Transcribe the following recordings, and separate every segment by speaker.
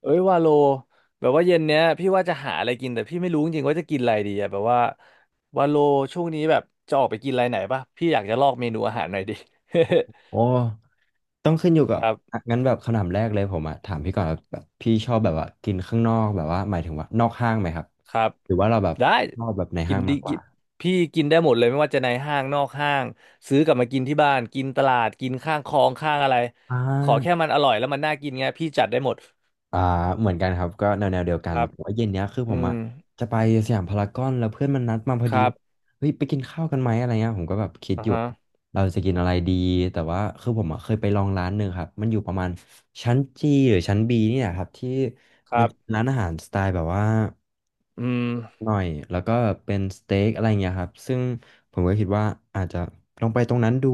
Speaker 1: เอ้ยวาโลแบบว่าเย็นเนี้ยพี่ว่าจะหาอะไรกินแต่พี่ไม่รู้จริงๆว่าจะกินอะไรดีอะแบบว่าวาโลช่วงนี้แบบจะออกไปกินอะไรไหนป่ะพี่อยากจะลอกเมนูอาหารหน่อยดิ
Speaker 2: โอ้ ต้องขึ้นอยู่กั
Speaker 1: ค
Speaker 2: บ
Speaker 1: รับ
Speaker 2: อ่ะงั้นแบบคำถามแรกเลยผมอะถามพี่ก่อนแบบพี่ชอบแบบว่ากินข้างนอกแบบว่าหมายถึงว่านอกห้างไหมครับ
Speaker 1: ครับ
Speaker 2: หรือว่าเราแบบ
Speaker 1: ได้
Speaker 2: ชอบแบบใน
Speaker 1: กิ
Speaker 2: ห้า
Speaker 1: น
Speaker 2: ง
Speaker 1: ดี
Speaker 2: มากก
Speaker 1: กิ
Speaker 2: ว่า
Speaker 1: นพี่กินได้หมดเลยไม่ว่าจะในห้างนอกห้างซื้อกลับมากินที่บ้านกินตลาดกินข้างคลองข้างอะไร
Speaker 2: อ่
Speaker 1: ขอแค่
Speaker 2: า
Speaker 1: มันอร่อยแล้วมันน่ากินไงพี่จัดได้หมด
Speaker 2: อ่าเหมือนกันครับก็แนวเดียว
Speaker 1: ค
Speaker 2: กัน
Speaker 1: รับ
Speaker 2: แต่ว่าเย็นเนี้ยคือผ
Speaker 1: อื
Speaker 2: ม
Speaker 1: ม
Speaker 2: อ่ะจะไปสยามพารากอนแล้วเพื่อนมันนัดมาพอ
Speaker 1: ค
Speaker 2: ดี
Speaker 1: รั
Speaker 2: ว่า
Speaker 1: บ
Speaker 2: เฮ้ยไปกินข้าวกันไหมอะไรเงี้ยผมก็แบบคิด
Speaker 1: อ่า
Speaker 2: อยู่
Speaker 1: ฮะ
Speaker 2: ว่าเราจะกินอะไรดีแต่ว่าคือผมอ่ะเคยไปลองร้านหนึ่งครับมันอยู่ประมาณชั้นจีหรือชั้นบีนี่แหละครับที่
Speaker 1: ค
Speaker 2: มั
Speaker 1: รั
Speaker 2: นจะเป็น
Speaker 1: บ
Speaker 2: ร้านอาหารสไตล์แบบว่า
Speaker 1: อืม
Speaker 2: หน่อยแล้วก็เป็นสเต็กอะไรเงี้ยครับซึ่งผมก็คิดว่าอาจจะลองไปตรงนั้นดู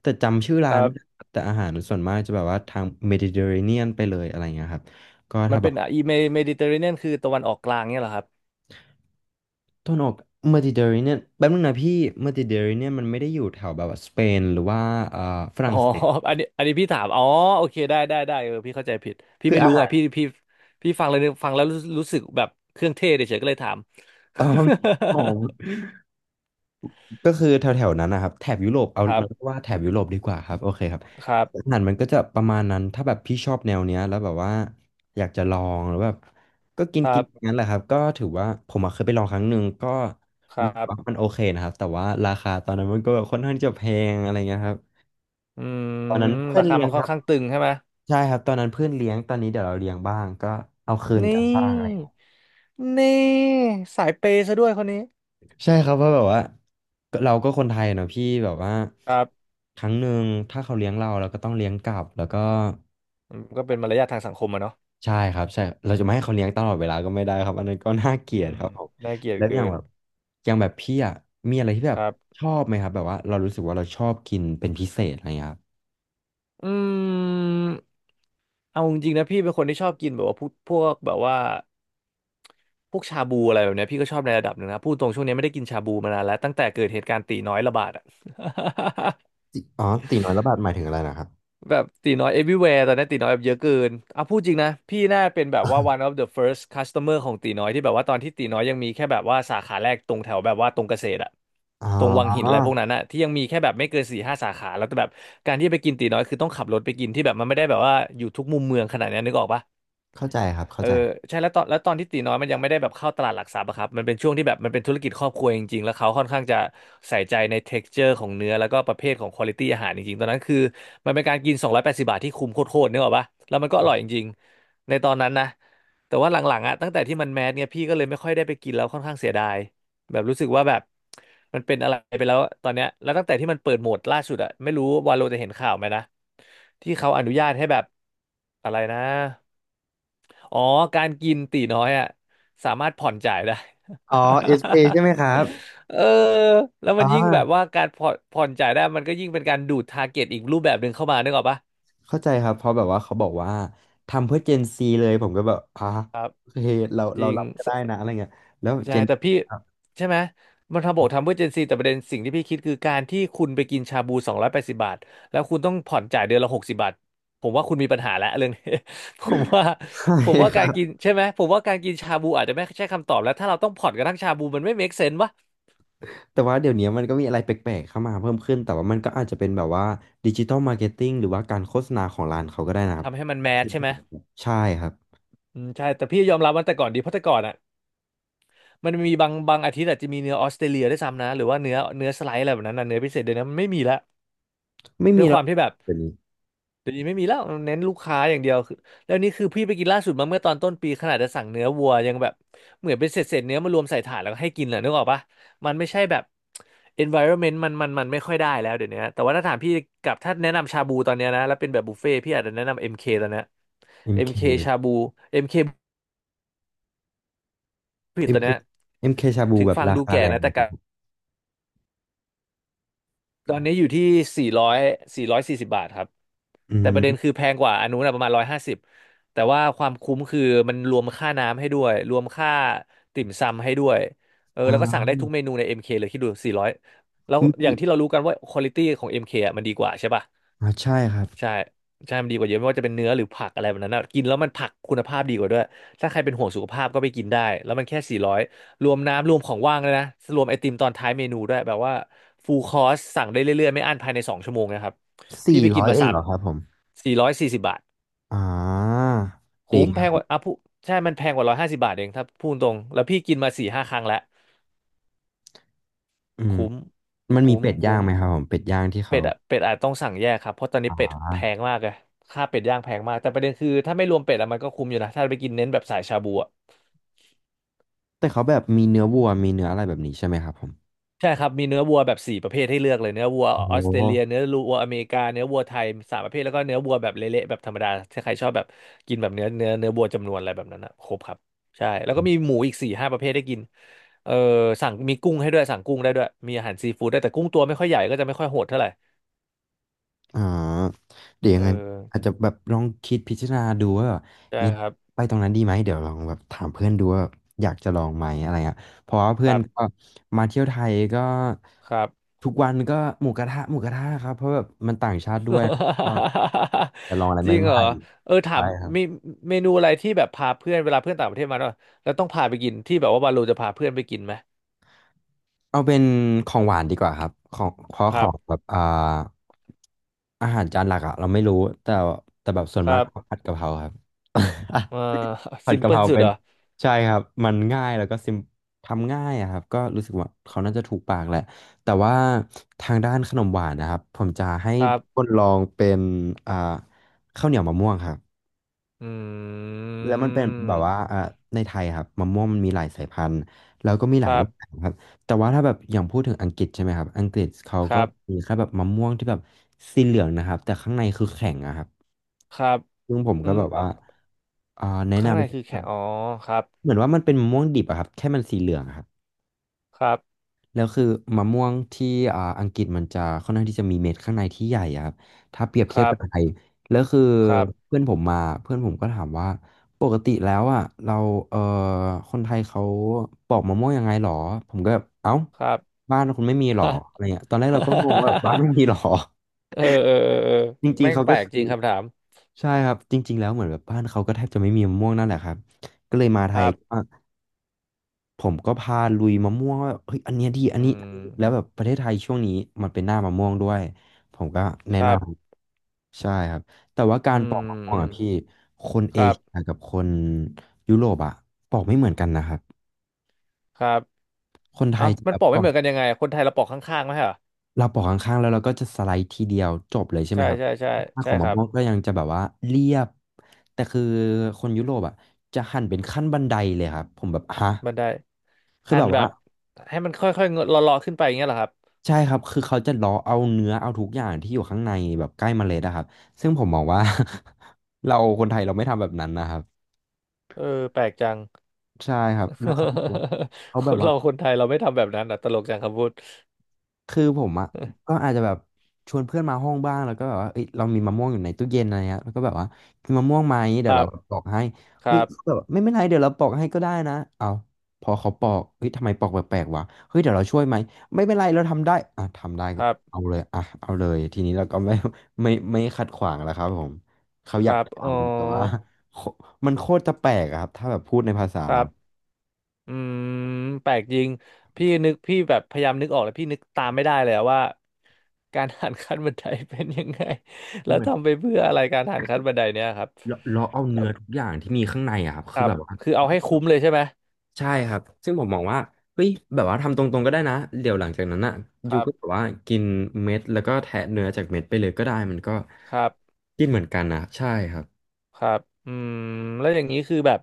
Speaker 2: แต่จำชื่อ
Speaker 1: ค
Speaker 2: ร้าน
Speaker 1: รั
Speaker 2: ไม่ได้
Speaker 1: บ
Speaker 2: ครับแต่อาหารส่วนมากจะแบบว่าทางเมดิเตอร์เรเนียนไปเลยอะไรเงี้ยครับ ก็
Speaker 1: มัน
Speaker 2: ถ้าแบ
Speaker 1: เป็น
Speaker 2: บ
Speaker 1: มดิเตอร์เรเนียนคือตะวันออกกลางเนี่ยเหรอครับ
Speaker 2: ตะวันออกเมดิเตอร์เรเนียนแป๊บนึงนะพี่เมดิเตอร์เรเนียนมันไม่ได้อยู่แถวแบบว่าสเปนหรือว่าเอ่อฝ
Speaker 1: อ๋อ
Speaker 2: รั่งเศส
Speaker 1: อันนี้พี่ถาม อ๋อโอเคได้เออพี่เข้าใจผิด พี่
Speaker 2: คือ
Speaker 1: ไม่
Speaker 2: อา
Speaker 1: รู้ไง
Speaker 2: หาร
Speaker 1: พี่ฟังเลยฟังแล้วรู้สึกแบบเครื่องเทศเฉยๆก็เลยถาม
Speaker 2: อ๋อก็คือแถวแถวนั้นนะครับแถบยุโรปเอา
Speaker 1: ครั
Speaker 2: เราเรียก
Speaker 1: บ
Speaker 2: ว่าแถบยุโรปดีกว่าครับโอเคครับ
Speaker 1: ครั
Speaker 2: อา
Speaker 1: บ
Speaker 2: หารมันก็จะประมาณนั้นถ้าแบบพี่ชอบแนวเนี้ยแล้วแบบว่าอยากจะลองหรือแบบก็กิ
Speaker 1: ค
Speaker 2: น
Speaker 1: รั
Speaker 2: กินอย่าง
Speaker 1: บ
Speaker 2: นั้นแหละครับก็ถือว่าผมอะเคยไปลองครั้งหนึ่งก็
Speaker 1: ค
Speaker 2: รู้
Speaker 1: รั
Speaker 2: สึก
Speaker 1: บ
Speaker 2: ว่ามันโอเคนะครับแต่ว่าราคาตอนนั้นมันก็แบบค่อนข้างจะแพงอะไรเงี้ยครับ
Speaker 1: อืม
Speaker 2: ตอนนั้นเพื่อ
Speaker 1: รา
Speaker 2: น
Speaker 1: คา
Speaker 2: เลี้ย
Speaker 1: มั
Speaker 2: ง
Speaker 1: น
Speaker 2: ค
Speaker 1: ค่อน
Speaker 2: รับ
Speaker 1: ข้างตึงใช่ไหม
Speaker 2: ใช่ครับตอนนั้นเพื่อนเลี้ยงตอนนี้เดี๋ยวเราเลี้ยงบ้างก็เอาคืนกัน
Speaker 1: นี่
Speaker 2: บ้างอะไรอย่างเงี้ย
Speaker 1: นี่สายเปย์ซะด้วยคนนี้
Speaker 2: ใช่ครับเพราะแบบว่าก็เราก็คนไทยเนาะพี่แบบว่า
Speaker 1: ครับ
Speaker 2: ครั้งหนึ่งถ้าเขาเลี้ยงเราเราก็ต้องเลี้ยงกลับแล้วก็
Speaker 1: อืมก็เป็นมารยาททางสังคมอะเนาะ
Speaker 2: ใช่ครับใช่เราจะไม่ให้เขาเลี้ยงตลอดเวลาก็ไม่ได้ครับอันนั้นก็น่าเกลีย
Speaker 1: อื
Speaker 2: ดค
Speaker 1: ม
Speaker 2: รับผม
Speaker 1: น่าเกลียด
Speaker 2: แล้วอ
Speaker 1: เกิ
Speaker 2: ย่าง
Speaker 1: น
Speaker 2: แบบอย่างแบบพี่อ่ะมีอะไรที่แบ
Speaker 1: ค
Speaker 2: บ
Speaker 1: รับ
Speaker 2: ชอบไหมครับแบบว่าเรารู้สึกว่าเราชอบกินเป็นพิเศษอะไรอย่างเงี้ยครับ
Speaker 1: อืมเอาจริงๆนะพี่เป็นคนที่ชอบกินแบบว่าพวกแบบว่า พวกชาบูอะไรแบบเนี้ยพี่ก็ชอบในระดับหนึ่งนะพูดตรงช่วงนี้ไม่ได้กินชาบูมานานแล้วตั้งแต่เกิดเหตุการณ์ตีน้อยระบาดอะ
Speaker 2: ติอ๋อตีน้อยละบาทหมายถึงอะไรนะครับ
Speaker 1: แบบตีน้อย everywhere ตอนนี้ตีน้อยแบบเยอะเกินอ่ะพูดจริงนะพี่น่าเป็นแบบว่า one of the first customer ของตีน้อยที่แบบว่าตอนที่ตีน้อยยังมีแค่แบบว่าสาขาแรกตรงแถวแบบว่าตรงเกษตรอะ
Speaker 2: อ๋อ
Speaker 1: ตรงวังหินอะไรพวกนั้นอะที่ยังมีแค่แบบไม่เกินสี่ห้าสาขาแล้วก็แบบการที่จะไปกินตีน้อยคือต้องขับรถไปกินที่แบบมันไม่ได้แบบว่าอยู่ทุกมุมเมืองขนาดนี้นึกออกปะ
Speaker 2: เข้าใจครับเข้า
Speaker 1: เออ
Speaker 2: ใจ
Speaker 1: ใช่แล้วตอนที่ตีน้อยมันยังไม่ได้แบบเข้าตลาดหลักทรัพย์อะครับมันเป็นช่วงที่แบบมันเป็นธุรกิจครอบครัวจริงๆแล้วเขาค่อนข้างจะใส่ใจใน texture ของเนื้อแล้วก็ประเภทของ quality อาหารจริงๆตอนนั้นคือมันเป็นการกิน280บบาทที่คุ้มโคตรๆนึกออกปะแล้วมันก็อร่อยจริงๆในตอนนั้นนะแต่ว่าหลังๆอะตั้งแต่ที่มันแมสเนี่ยพี่ก็เลยไม่ค่อยได้ไปกินแล้วค่อนข้างเสียดายแบบรู้สึกว่าแบบมันเป็นอะไรไปแล้วตอนเนี้ยแล้วตั้งแต่ที่มันเปิดโหมดล่าสุดอะไม่รู้วาโลจะเห็นข่าวไหมนะที่เขาอนุญาตให้แบบอะไรนะ อ๋อการกินตีน้อยอ่ะสามารถผ่อนจ่ายได้
Speaker 2: อ๋อเอสเอใช่ไหมครับ
Speaker 1: เออแล้วมั
Speaker 2: อ๋อ
Speaker 1: นยิ่งแบบว่าการผ่อนจ่ายได้มันก็ยิ่งเป็นการดูดทาร์เก็ตอีกรูปแบบหนึ่งเข้ามานึกออกปะ
Speaker 2: เข้าใจครับเพราะแบบว่าเขาบอกว่าทำเพื่อเจนซีเลยผมก็แบบอ่ะ
Speaker 1: ครับ
Speaker 2: เอเคเรา
Speaker 1: จ
Speaker 2: เรา
Speaker 1: ริง
Speaker 2: รับก็
Speaker 1: ส
Speaker 2: ได้นะอะไรเงี้ยแล้ว
Speaker 1: ใช่
Speaker 2: เจน
Speaker 1: แต่พี่
Speaker 2: ครับ
Speaker 1: ใช่ไหมมันทำบอกทำเพื่อเจนซีแต่ประเด็นสิ่งที่พี่คิดคือการที่คุณไปกินชาบูสองร้อยแปดสิบบาทแล้วคุณต้องผ่อนจ่ายเดือนละหกสิบบาทผมว่าคุณมีปัญหาแล้วเรื่อง นี้ ผมว่า
Speaker 2: ใช่
Speaker 1: ผมว่า
Speaker 2: ค
Speaker 1: กา
Speaker 2: รั
Speaker 1: รกิ
Speaker 2: บ
Speaker 1: นใช่ไหมผมว่าการกินชาบูอาจจะไม่ใช่คำตอบแล้วถ้าเราต้องผ่อนกระทั่งชาบูมันไม่ make sense วะ
Speaker 2: แต่ว่าเดี๋ยวนี้มันก็มีอะไรแปลกๆเข้ามาเพิ่มขึ้นแต่ว่ามันก็อาจจะเป็นแบบว่าดิจิ t a ลมาร์เก็ตติ้งหรือว่าการโฆษณาของร้านเขาก็ได้นะครับ
Speaker 1: ทำให้มัน
Speaker 2: ก็
Speaker 1: แมส
Speaker 2: คือ
Speaker 1: ใช่ไหม
Speaker 2: ใช่ครับ
Speaker 1: อืมใช่แต่พี่ยอมรับว่าแต่ก่อนดีเพราะแต่ก่อนอ่ะมันมีบางอาทิตย์อาจจะมีเนื้อออสเตรเลียด้วยซ้ำนะหรือว่าเนื้อสไลด์อะไรแบบนั้นนะเนื้อพิเศษเดี๋ยวนี้มันไม่มีละ
Speaker 2: ไม่
Speaker 1: ด้
Speaker 2: มี
Speaker 1: วยค
Speaker 2: แล้ว
Speaker 1: วามที่แบบ
Speaker 2: เดี๋ยวนี้
Speaker 1: เดี๋ยวนี้ไม่มีแล้วเน้นลูกค้าอย่างเดียวคือแล้วนี่คือพี่ไปกินล่าสุดมาเมื่อตอนต้นปีขนาดจะสั่งเนื้อวัวยังแบบเหมือนเป็นเศษเศษเนื้อมารวมใส่ถาดแล้วก็ให้กินน่ะนึกออกปะมันไม่ใช่แบบ environment มันไม่ค่อยได้แล้วเดี๋ยวนี้แต่ว่าถ้าถามพี่กับถ้าแนะนำชาบูตอนเนี้ยนะแล้วเป็นแบบบุฟเฟ่ต์พี่อาจจะแนะนำเอ็มเคตอนเนี้ย
Speaker 2: เ k ็
Speaker 1: เอ็ม
Speaker 2: k
Speaker 1: เค
Speaker 2: เค
Speaker 1: ชาบูเอ็มเค ผลิต
Speaker 2: เอ็ม
Speaker 1: ตัว
Speaker 2: เค
Speaker 1: เนี้ย
Speaker 2: เอ็มเคชาบู
Speaker 1: ถึง
Speaker 2: แบบ
Speaker 1: ฟัง
Speaker 2: รา
Speaker 1: ดู
Speaker 2: คา
Speaker 1: แก่
Speaker 2: แรง
Speaker 1: นะ
Speaker 2: ไหม
Speaker 1: แต่
Speaker 2: ครั
Speaker 1: กั
Speaker 2: บ
Speaker 1: บ
Speaker 2: ผม
Speaker 1: ตอนนี้อยู่ที่สี่ร้อยสี่ร้อยสี่สิบบาทครับ
Speaker 2: อื
Speaker 1: แต่ประเด็น
Speaker 2: ม
Speaker 1: คือแพงกว่าอันนู้นนะประมาณร้อยห้าสิบแต่ว่าความคุ้มคือมันรวมค่าน้ำให้ด้วยรวมค่าติ่มซำให้ด้วยเออแล้วก็สั่ง
Speaker 2: อ่า
Speaker 1: ได้ทุกเมนูใน MK เคเลยคิดดูสี่ร้อยแล้ว
Speaker 2: ม
Speaker 1: อย่า
Speaker 2: ี
Speaker 1: งที่เรารู้กันว่าควอลิตี้ของ MK อมเคอ่ะมันดีกว่าใช่ป่ะ
Speaker 2: อ่าใช่ครับ
Speaker 1: ใช่มันดีกว่าเยอะไม่ว่าจะเป็นเนื้อหรือผักอะไรแบบนั้นนะกินแล้วมันผักคุณภาพดีกว่าด้วยถ้าใครเป็นห่วงสุขภาพก็ไปกินได้แล้วมันแค่สี่ร้อยรวมน้ำรวมของว่างเลยนะรวมไอติมตอนท้ายเมนูด้วยแบบว่าฟูลคอร์สสั่งได้เรื่อยๆไม่อั้นภายในสองชั่วโมงนะครับพี่
Speaker 2: สี่
Speaker 1: ไปกิ
Speaker 2: ร้อ
Speaker 1: น
Speaker 2: ย
Speaker 1: มา
Speaker 2: เอง
Speaker 1: สา
Speaker 2: เห
Speaker 1: ม
Speaker 2: รอครับผม
Speaker 1: สี่ร้อยสี่สิบบาท
Speaker 2: อ่าเด็
Speaker 1: คุ้
Speaker 2: ก
Speaker 1: ม
Speaker 2: ไง
Speaker 1: แพง
Speaker 2: ผ
Speaker 1: ก
Speaker 2: ม
Speaker 1: ว่าอ่ะพูใช่มันแพงกว่าร้อยห้าสิบบาทเองถ้าพูดตรงแล้วพี่กินมาสี่ห้าครั้งแล้ว
Speaker 2: อืม
Speaker 1: คุ้ม
Speaker 2: มันมี
Speaker 1: คุ้ม
Speaker 2: เป็ดย่า
Speaker 1: คุ้
Speaker 2: ง
Speaker 1: ม
Speaker 2: ไหมครับผมเป็ดย่างที่
Speaker 1: เป็
Speaker 2: เขา
Speaker 1: ดอะเป็ดอาจต้องสั่งแยกครับเพราะตอนนี้
Speaker 2: อ่
Speaker 1: เป็ดแพง
Speaker 2: า
Speaker 1: มากเลยค่าเป็ดย่างแพงมากแต่ประเด็นคือถ้าไม่รวมเป็ดอะมันก็คุ้มอยู่นะถ้าไปกินเน้นแบบสายชาบูอะ
Speaker 2: แต่เขาแบบมีเนื้อวัวมีเนื้ออะไรแบบนี้ใช่ไหมครับผม
Speaker 1: ใช่ครับมีเนื้อวัวแบบสี่ประเภทให้เลือกเลยเนื้อวัว
Speaker 2: โอ้โ
Speaker 1: ออสเตรเลีย
Speaker 2: ห
Speaker 1: เนื้อวัวอเมริกาเนื้อวัวไทยสามประเภทแล้วก็เนื้อวัวแบบเละๆแบบธรรมดาถ้าใครชอบแบบกินแบบเนื้อวัวจำนวนอะไรแบบนั้นนะครบครับใช่แล้วก็มีหมูอีกสี่ห้าประเภทให้กินเออสั่งมีกุ้งให้ด้วยสั่งกุ้งได้ด้วยมีอาหารซีฟู้ดได้แต่กุ้งตัวไม่ค่อยใหญ่ก็จะไม่ค่อยโหดเท่าไหร่
Speaker 2: อ่าเดี๋ยวยั
Speaker 1: เอ
Speaker 2: งไงอาจ
Speaker 1: อ
Speaker 2: จะแบบลองคิดพิจารณาดูว่าแบบ
Speaker 1: ใช่
Speaker 2: ยัง
Speaker 1: ครับ
Speaker 2: ไปตรงนั้นดีไหมเดี๋ยวลองแบบถามเพื่อนดูว่าอยากจะลองไหมอะไรเงี้ยเพราะว่า
Speaker 1: ค
Speaker 2: เพื่อน
Speaker 1: รับ
Speaker 2: ก็มาเที่ยวไทยก็
Speaker 1: ครับ
Speaker 2: ทุกวันก็หมูกระทะครับเพราะแบบมันต่างชาติด้วยก็ จะลองอะไร
Speaker 1: จ
Speaker 2: ใ
Speaker 1: ริง
Speaker 2: ห
Speaker 1: เหรอ
Speaker 2: ม่
Speaker 1: เออ
Speaker 2: ๆ
Speaker 1: ถา
Speaker 2: ใช่
Speaker 1: ม
Speaker 2: ครับ
Speaker 1: มีเมนูอะไรที่แบบพาเพื่อนเวลาเพื่อนต่างประเทศมาเนอะแล้วต้องพาไปกินที่แบบว่าวาโลจะพาเพื่อนไปกินไหม
Speaker 2: เอาเป็นของหวานดีกว่าครับของเพราะ
Speaker 1: ค
Speaker 2: ข
Speaker 1: รั
Speaker 2: องแบ
Speaker 1: บ
Speaker 2: บอ่าอาหารจานหลักอะเราไม่รู้แต่แต่แบบส่วน
Speaker 1: ครั
Speaker 2: มากก็
Speaker 1: บ
Speaker 2: ผัดกะเพราครับ
Speaker 1: เออ
Speaker 2: ผั
Speaker 1: ซิ
Speaker 2: ด
Speaker 1: ม
Speaker 2: กะ
Speaker 1: เพิ
Speaker 2: เพ
Speaker 1: ล
Speaker 2: รา
Speaker 1: สุด
Speaker 2: เป็
Speaker 1: เห
Speaker 2: น
Speaker 1: รอ
Speaker 2: ใช่ครับมันง่ายแล้วก็ซิมทำง่ายอะครับก็รู้สึกว่าเขาน่าจะถูกปากแหละแต่ว่าทางด้านขนมหวานนะครับผมจะให้คนลองเป็นอ่าข้าวเหนียวมะม่วงครับ
Speaker 1: อื
Speaker 2: แล้วมันเป็นแบบว่า
Speaker 1: ม
Speaker 2: อ่าในไทยครับมะม่วงมันมีหลายสายพันธุ์แล้วก็มีห
Speaker 1: ค
Speaker 2: ลาย
Speaker 1: รั
Speaker 2: รูปแบ
Speaker 1: บ
Speaker 2: บครับแต่ว่าถ้าแบบอย่างพูดถึงอังกฤษใช่ไหมครับอังกฤษเขา
Speaker 1: ค
Speaker 2: ก็
Speaker 1: รั
Speaker 2: มี
Speaker 1: บ
Speaker 2: แค่แบบมะม่วงที่แบบสีเหลืองนะครับแต่ข้างในคือแข็งอะครับ
Speaker 1: ครับ
Speaker 2: ซึ่งผม
Speaker 1: อื
Speaker 2: ก็
Speaker 1: ม
Speaker 2: แบบ
Speaker 1: อ่ะ
Speaker 2: ว่าอ่าแนะน
Speaker 1: ข้างในคือแค่อ๋อ
Speaker 2: ำ
Speaker 1: ครับ
Speaker 2: เหมือนว่ามันเป็นมะม่วงดิบอะครับแค่มันสีเหลืองอะครับ
Speaker 1: ครับ
Speaker 2: แล้วคือมะม่วงที่อังกฤษมันจะค่อนข้างที่จะมีเม็ดข้างในที่ใหญ่อะครับถ้าเปรียบ
Speaker 1: ค
Speaker 2: เทีย
Speaker 1: รั
Speaker 2: บกับไท
Speaker 1: บ
Speaker 2: ยแล้วคือ
Speaker 1: ครับ
Speaker 2: เพื่อนผมมาเพื่อนผมก็ถามว่าปกติแล้วอ่ะเราเออคนไทยเขาปอกมะม่วงยังไงหรอผมก็แบบเอ้า
Speaker 1: ครับ
Speaker 2: บ้านคุณไม่มีหรออะไรเงี้ยตอนแรกเราก็งงว่าบ้าน ไม่มีหรอ
Speaker 1: เออเออเออเออ
Speaker 2: จริง
Speaker 1: แม่
Speaker 2: ๆ
Speaker 1: ง
Speaker 2: เขา
Speaker 1: แปล
Speaker 2: ก็
Speaker 1: ก
Speaker 2: คื
Speaker 1: จ
Speaker 2: อ
Speaker 1: ริงคำถาม
Speaker 2: ใช่ครับจริงๆแล้วเหมือนแบบบ้านเขาก็แทบจะไม่มีมะม่วงนั่นแหละครับก็เลยมาไท
Speaker 1: ครั
Speaker 2: ย
Speaker 1: บ
Speaker 2: ผมก็พาลุยมะม่วงว่าเฮ้ยอันเนี้ยดีอั
Speaker 1: อื
Speaker 2: นนี้แล้ว
Speaker 1: ม
Speaker 2: แบบประเทศไทยช่วงนี้มันเป็นหน้ามะม่วงด้วยผมก็
Speaker 1: ค
Speaker 2: แนะ
Speaker 1: รั
Speaker 2: น
Speaker 1: บ
Speaker 2: ำใช่ครับแต่ว่ากา
Speaker 1: อื
Speaker 2: รป
Speaker 1: ม
Speaker 2: อกมะม่ว
Speaker 1: อื
Speaker 2: ง
Speaker 1: ม
Speaker 2: อะพี่คน
Speaker 1: ค
Speaker 2: เอ
Speaker 1: รั
Speaker 2: เชีย
Speaker 1: บ
Speaker 2: กับคนยุโรปอะปอกไม่เหมือนกันนะครับ
Speaker 1: ครับ
Speaker 2: คนไท
Speaker 1: เอ้า
Speaker 2: ยจะ
Speaker 1: มั
Speaker 2: แบ
Speaker 1: น
Speaker 2: บ
Speaker 1: ปอก
Speaker 2: ป
Speaker 1: ไม่
Speaker 2: อ
Speaker 1: เห
Speaker 2: ก
Speaker 1: มือนกันยังไงคนไทยเราปอกข้างๆไหมเหรอ
Speaker 2: เราปอกข้างๆแล้วเราก็จะสไลด์ทีเดียวจบเลยใช่ไหม
Speaker 1: ใช่
Speaker 2: ครับ
Speaker 1: ใช่ใช่
Speaker 2: หน้าข
Speaker 1: ใช่
Speaker 2: อง
Speaker 1: ค
Speaker 2: มะ
Speaker 1: รับ
Speaker 2: ม่วงก็ยังจะแบบว่าเรียบแต่คือคนยุโรปอะจะหั่นเป็นขั้นบันไดเลยครับผมแบบฮะ
Speaker 1: มันได้
Speaker 2: คือ
Speaker 1: หั่
Speaker 2: แบ
Speaker 1: น
Speaker 2: บ
Speaker 1: แบ
Speaker 2: ว่า
Speaker 1: บให้มันค่อยๆเงอะเลาะๆขึ้นไปอย่างเงี้ยเหรอครับ
Speaker 2: ใช่ครับ คือเขาจะเลาะเอาเนื้อเอาทุกอย่างที่อยู่ข้างในแบบใกล้เมล็ดอะครับ ซึ่งผมมองว่า เราคนไทยเราไม่ทำแบบนั้นนะครับ
Speaker 1: เออแปลกจัง
Speaker 2: ใช่ครับ แล้วเขาบอกว่าเขา
Speaker 1: ค
Speaker 2: แบบ
Speaker 1: น
Speaker 2: ว่า
Speaker 1: เราคนไทยเราไม่ทำแบบนั้นอ่ะตลกจังคำพูด
Speaker 2: คือผมอ่ะก็ อาจจะแบบชวนเพื่อนมาห้องบ้างแล้วก็แบบว่าเอ้ยเรามีมะม่วงอยู่ในตู้เย็นอะไรเงี้ยแล้วก็แบบว่ากินมะม่วงไหม
Speaker 1: ค
Speaker 2: เดี๋ยว
Speaker 1: รั
Speaker 2: เรา
Speaker 1: บ
Speaker 2: ปอกให้
Speaker 1: ค
Speaker 2: เฮ้
Speaker 1: รั
Speaker 2: ยเขา
Speaker 1: บ
Speaker 2: แบบไม่เป็นไรเดี๋ยวเราปอกให้ก็ได้นะเอาพอเขาปอกเฮ้ยทำไมปอกแปลกๆวะเฮ้ยเดี๋ยวเราช่วยไหมไม่เป็นไรเราทำได้อ่ะทำได้
Speaker 1: ค
Speaker 2: ก็
Speaker 1: รับ
Speaker 2: เอาเลยอ่ะเอาเลยทีนี้เราก็ไม่ ไม่ขัดขวางแล้วครับผมเขา
Speaker 1: ค
Speaker 2: อยา
Speaker 1: รั
Speaker 2: ก
Speaker 1: บ
Speaker 2: ท
Speaker 1: อ๋อ
Speaker 2: ำแต่ว่าโคมันโคตรจะแปลกอะครับถ้าแบบพูดในภาษา
Speaker 1: ครั
Speaker 2: เรา
Speaker 1: บ อืมแปลกจริงพี่นึกพี่แบบพยายามนึกออกแล้วพี่นึกตามไม่ได้เลยอะว่าการหันขั้นบันไดเป็นยังไง
Speaker 2: มั
Speaker 1: แล้
Speaker 2: น
Speaker 1: ว
Speaker 2: เหมือน
Speaker 1: ทำไปเพื่ออะไรการหันขั้นบันไดเนี่ยครับ
Speaker 2: เราเอา
Speaker 1: แล้ว
Speaker 2: เนื้อทุกอย่างที่มีข้างในอะครับ
Speaker 1: ค
Speaker 2: คื
Speaker 1: รั
Speaker 2: อ
Speaker 1: บ
Speaker 2: แบบว่า
Speaker 1: คือเอาให้คุ้มเลยใช่ไหม
Speaker 2: ใช่ครับซึ่งผมมองว่าเฮ้ยแบบว่าทำตรงๆก็ได้นะเดี๋ยวหลังจากนั้นอ่ะ
Speaker 1: ค
Speaker 2: ยู
Speaker 1: รั
Speaker 2: ก็แบ
Speaker 1: บ
Speaker 2: บว่ากินเม็ดแล้วก็แทะเนื้อจากเม็ดไปเลยก็ได้มันก็
Speaker 1: ครับ
Speaker 2: กินเหมือนกันนะใช่ครับ
Speaker 1: ครับอืมแล้วอย่างนี้คือแบบ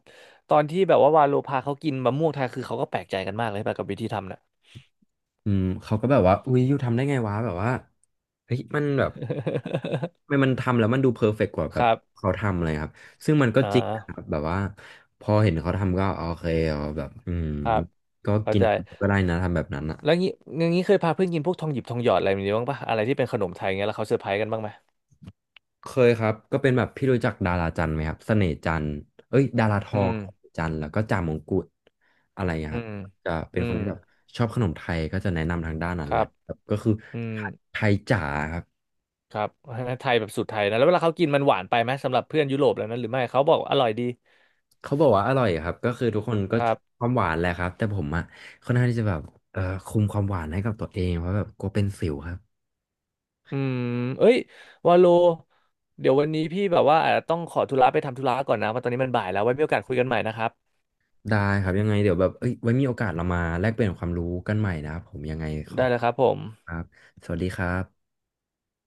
Speaker 1: ตอนที่แบบว่าวาโลพาเขากินมะม่วงไทยคือเขาก็แปลกใจกันมากเลยแบบกับวิธีทำน่ะ
Speaker 2: อืมเขาก็แบบว่าอุ้ยยูทำได้ไงวะแบบว่าเฮ้ยมันแบบทำไมมันทำแล้วมันดูเพอร์เฟกต์กว่าแบ
Speaker 1: ค
Speaker 2: บ
Speaker 1: รับ
Speaker 2: เขาทำอะไรครับซึ่งมันก็
Speaker 1: อ่
Speaker 2: จริงนะครับ
Speaker 1: า
Speaker 2: แบบว่าพอเห็นเขาทำก็โอเคเอาแบบอืม
Speaker 1: ครับ
Speaker 2: ก็
Speaker 1: เข้า
Speaker 2: กิน
Speaker 1: ใจ
Speaker 2: ก็ได้นะทำแบบนั้นอ่ะ
Speaker 1: แล้วงี้อย่างงี้เคยพาเพื่อนกินพวกทองหยิบทองหยอดอะไรแบบนี้บ้างปะอะไรที่เป็นขนมไทยเงี้ยแล้วเขาเซอร์ไพรส์กันบ้างไหม
Speaker 2: เคยครับก็เป็นแบบพี่รู้จักดาราจันทร์ไหมครับเสน่ห์จันทร์เอ้ยดาราท
Speaker 1: อื
Speaker 2: อง
Speaker 1: ม
Speaker 2: จันทร์แล้วก็จ่ามงกุฎอะไรอย่างเงี้ย
Speaker 1: อื
Speaker 2: ครับ
Speaker 1: ม
Speaker 2: จะเป็
Speaker 1: อื
Speaker 2: นคน
Speaker 1: ม
Speaker 2: ที่แบบชอบขนมไทยก็จะแนะนำทางด้านนั้
Speaker 1: ค
Speaker 2: นเล
Speaker 1: รั
Speaker 2: ย
Speaker 1: บ
Speaker 2: ครับก็คือ
Speaker 1: อืม
Speaker 2: ไทยไทยจ๋าครับ
Speaker 1: ครับไทยแบบสูตรไทยนะแล้วเวลาเขากินมันหวานไปไหมสำหรับเพื่อนยุโรปแล้วนั้นหรือไม่เขาบอกอร่อยดี
Speaker 2: เขาบอกว่าอร่อยครับก็คือทุกคนก็
Speaker 1: ค
Speaker 2: ช
Speaker 1: รั
Speaker 2: อ
Speaker 1: บ
Speaker 2: บความหวานแหละครับแต่ผมอะค่อนข้างที่จะแบบเอ่อคุมความหวานให้กับตัวเองเพราะแบบกลัวเป็นสิวครับ
Speaker 1: อืมเอ้ยวาโลเดี๋ยววันนี้พี่แบบว่าอาจจะต้องขอธุระไปทำธุระก่อนนะว่าะตอนนี้มันบ่ายแล้วไว้มีโอกาสคุยกันใหม่นะครับ
Speaker 2: ได้ครับยังไงเดี๋ยวแบบเอ้ยไว้มีโอกาสเรามาแลกเปลี่ยนความรู้กันใหม่นะครับผมยังไงขอ
Speaker 1: ได้เลยครับผม
Speaker 2: ครับสวัสดีครับ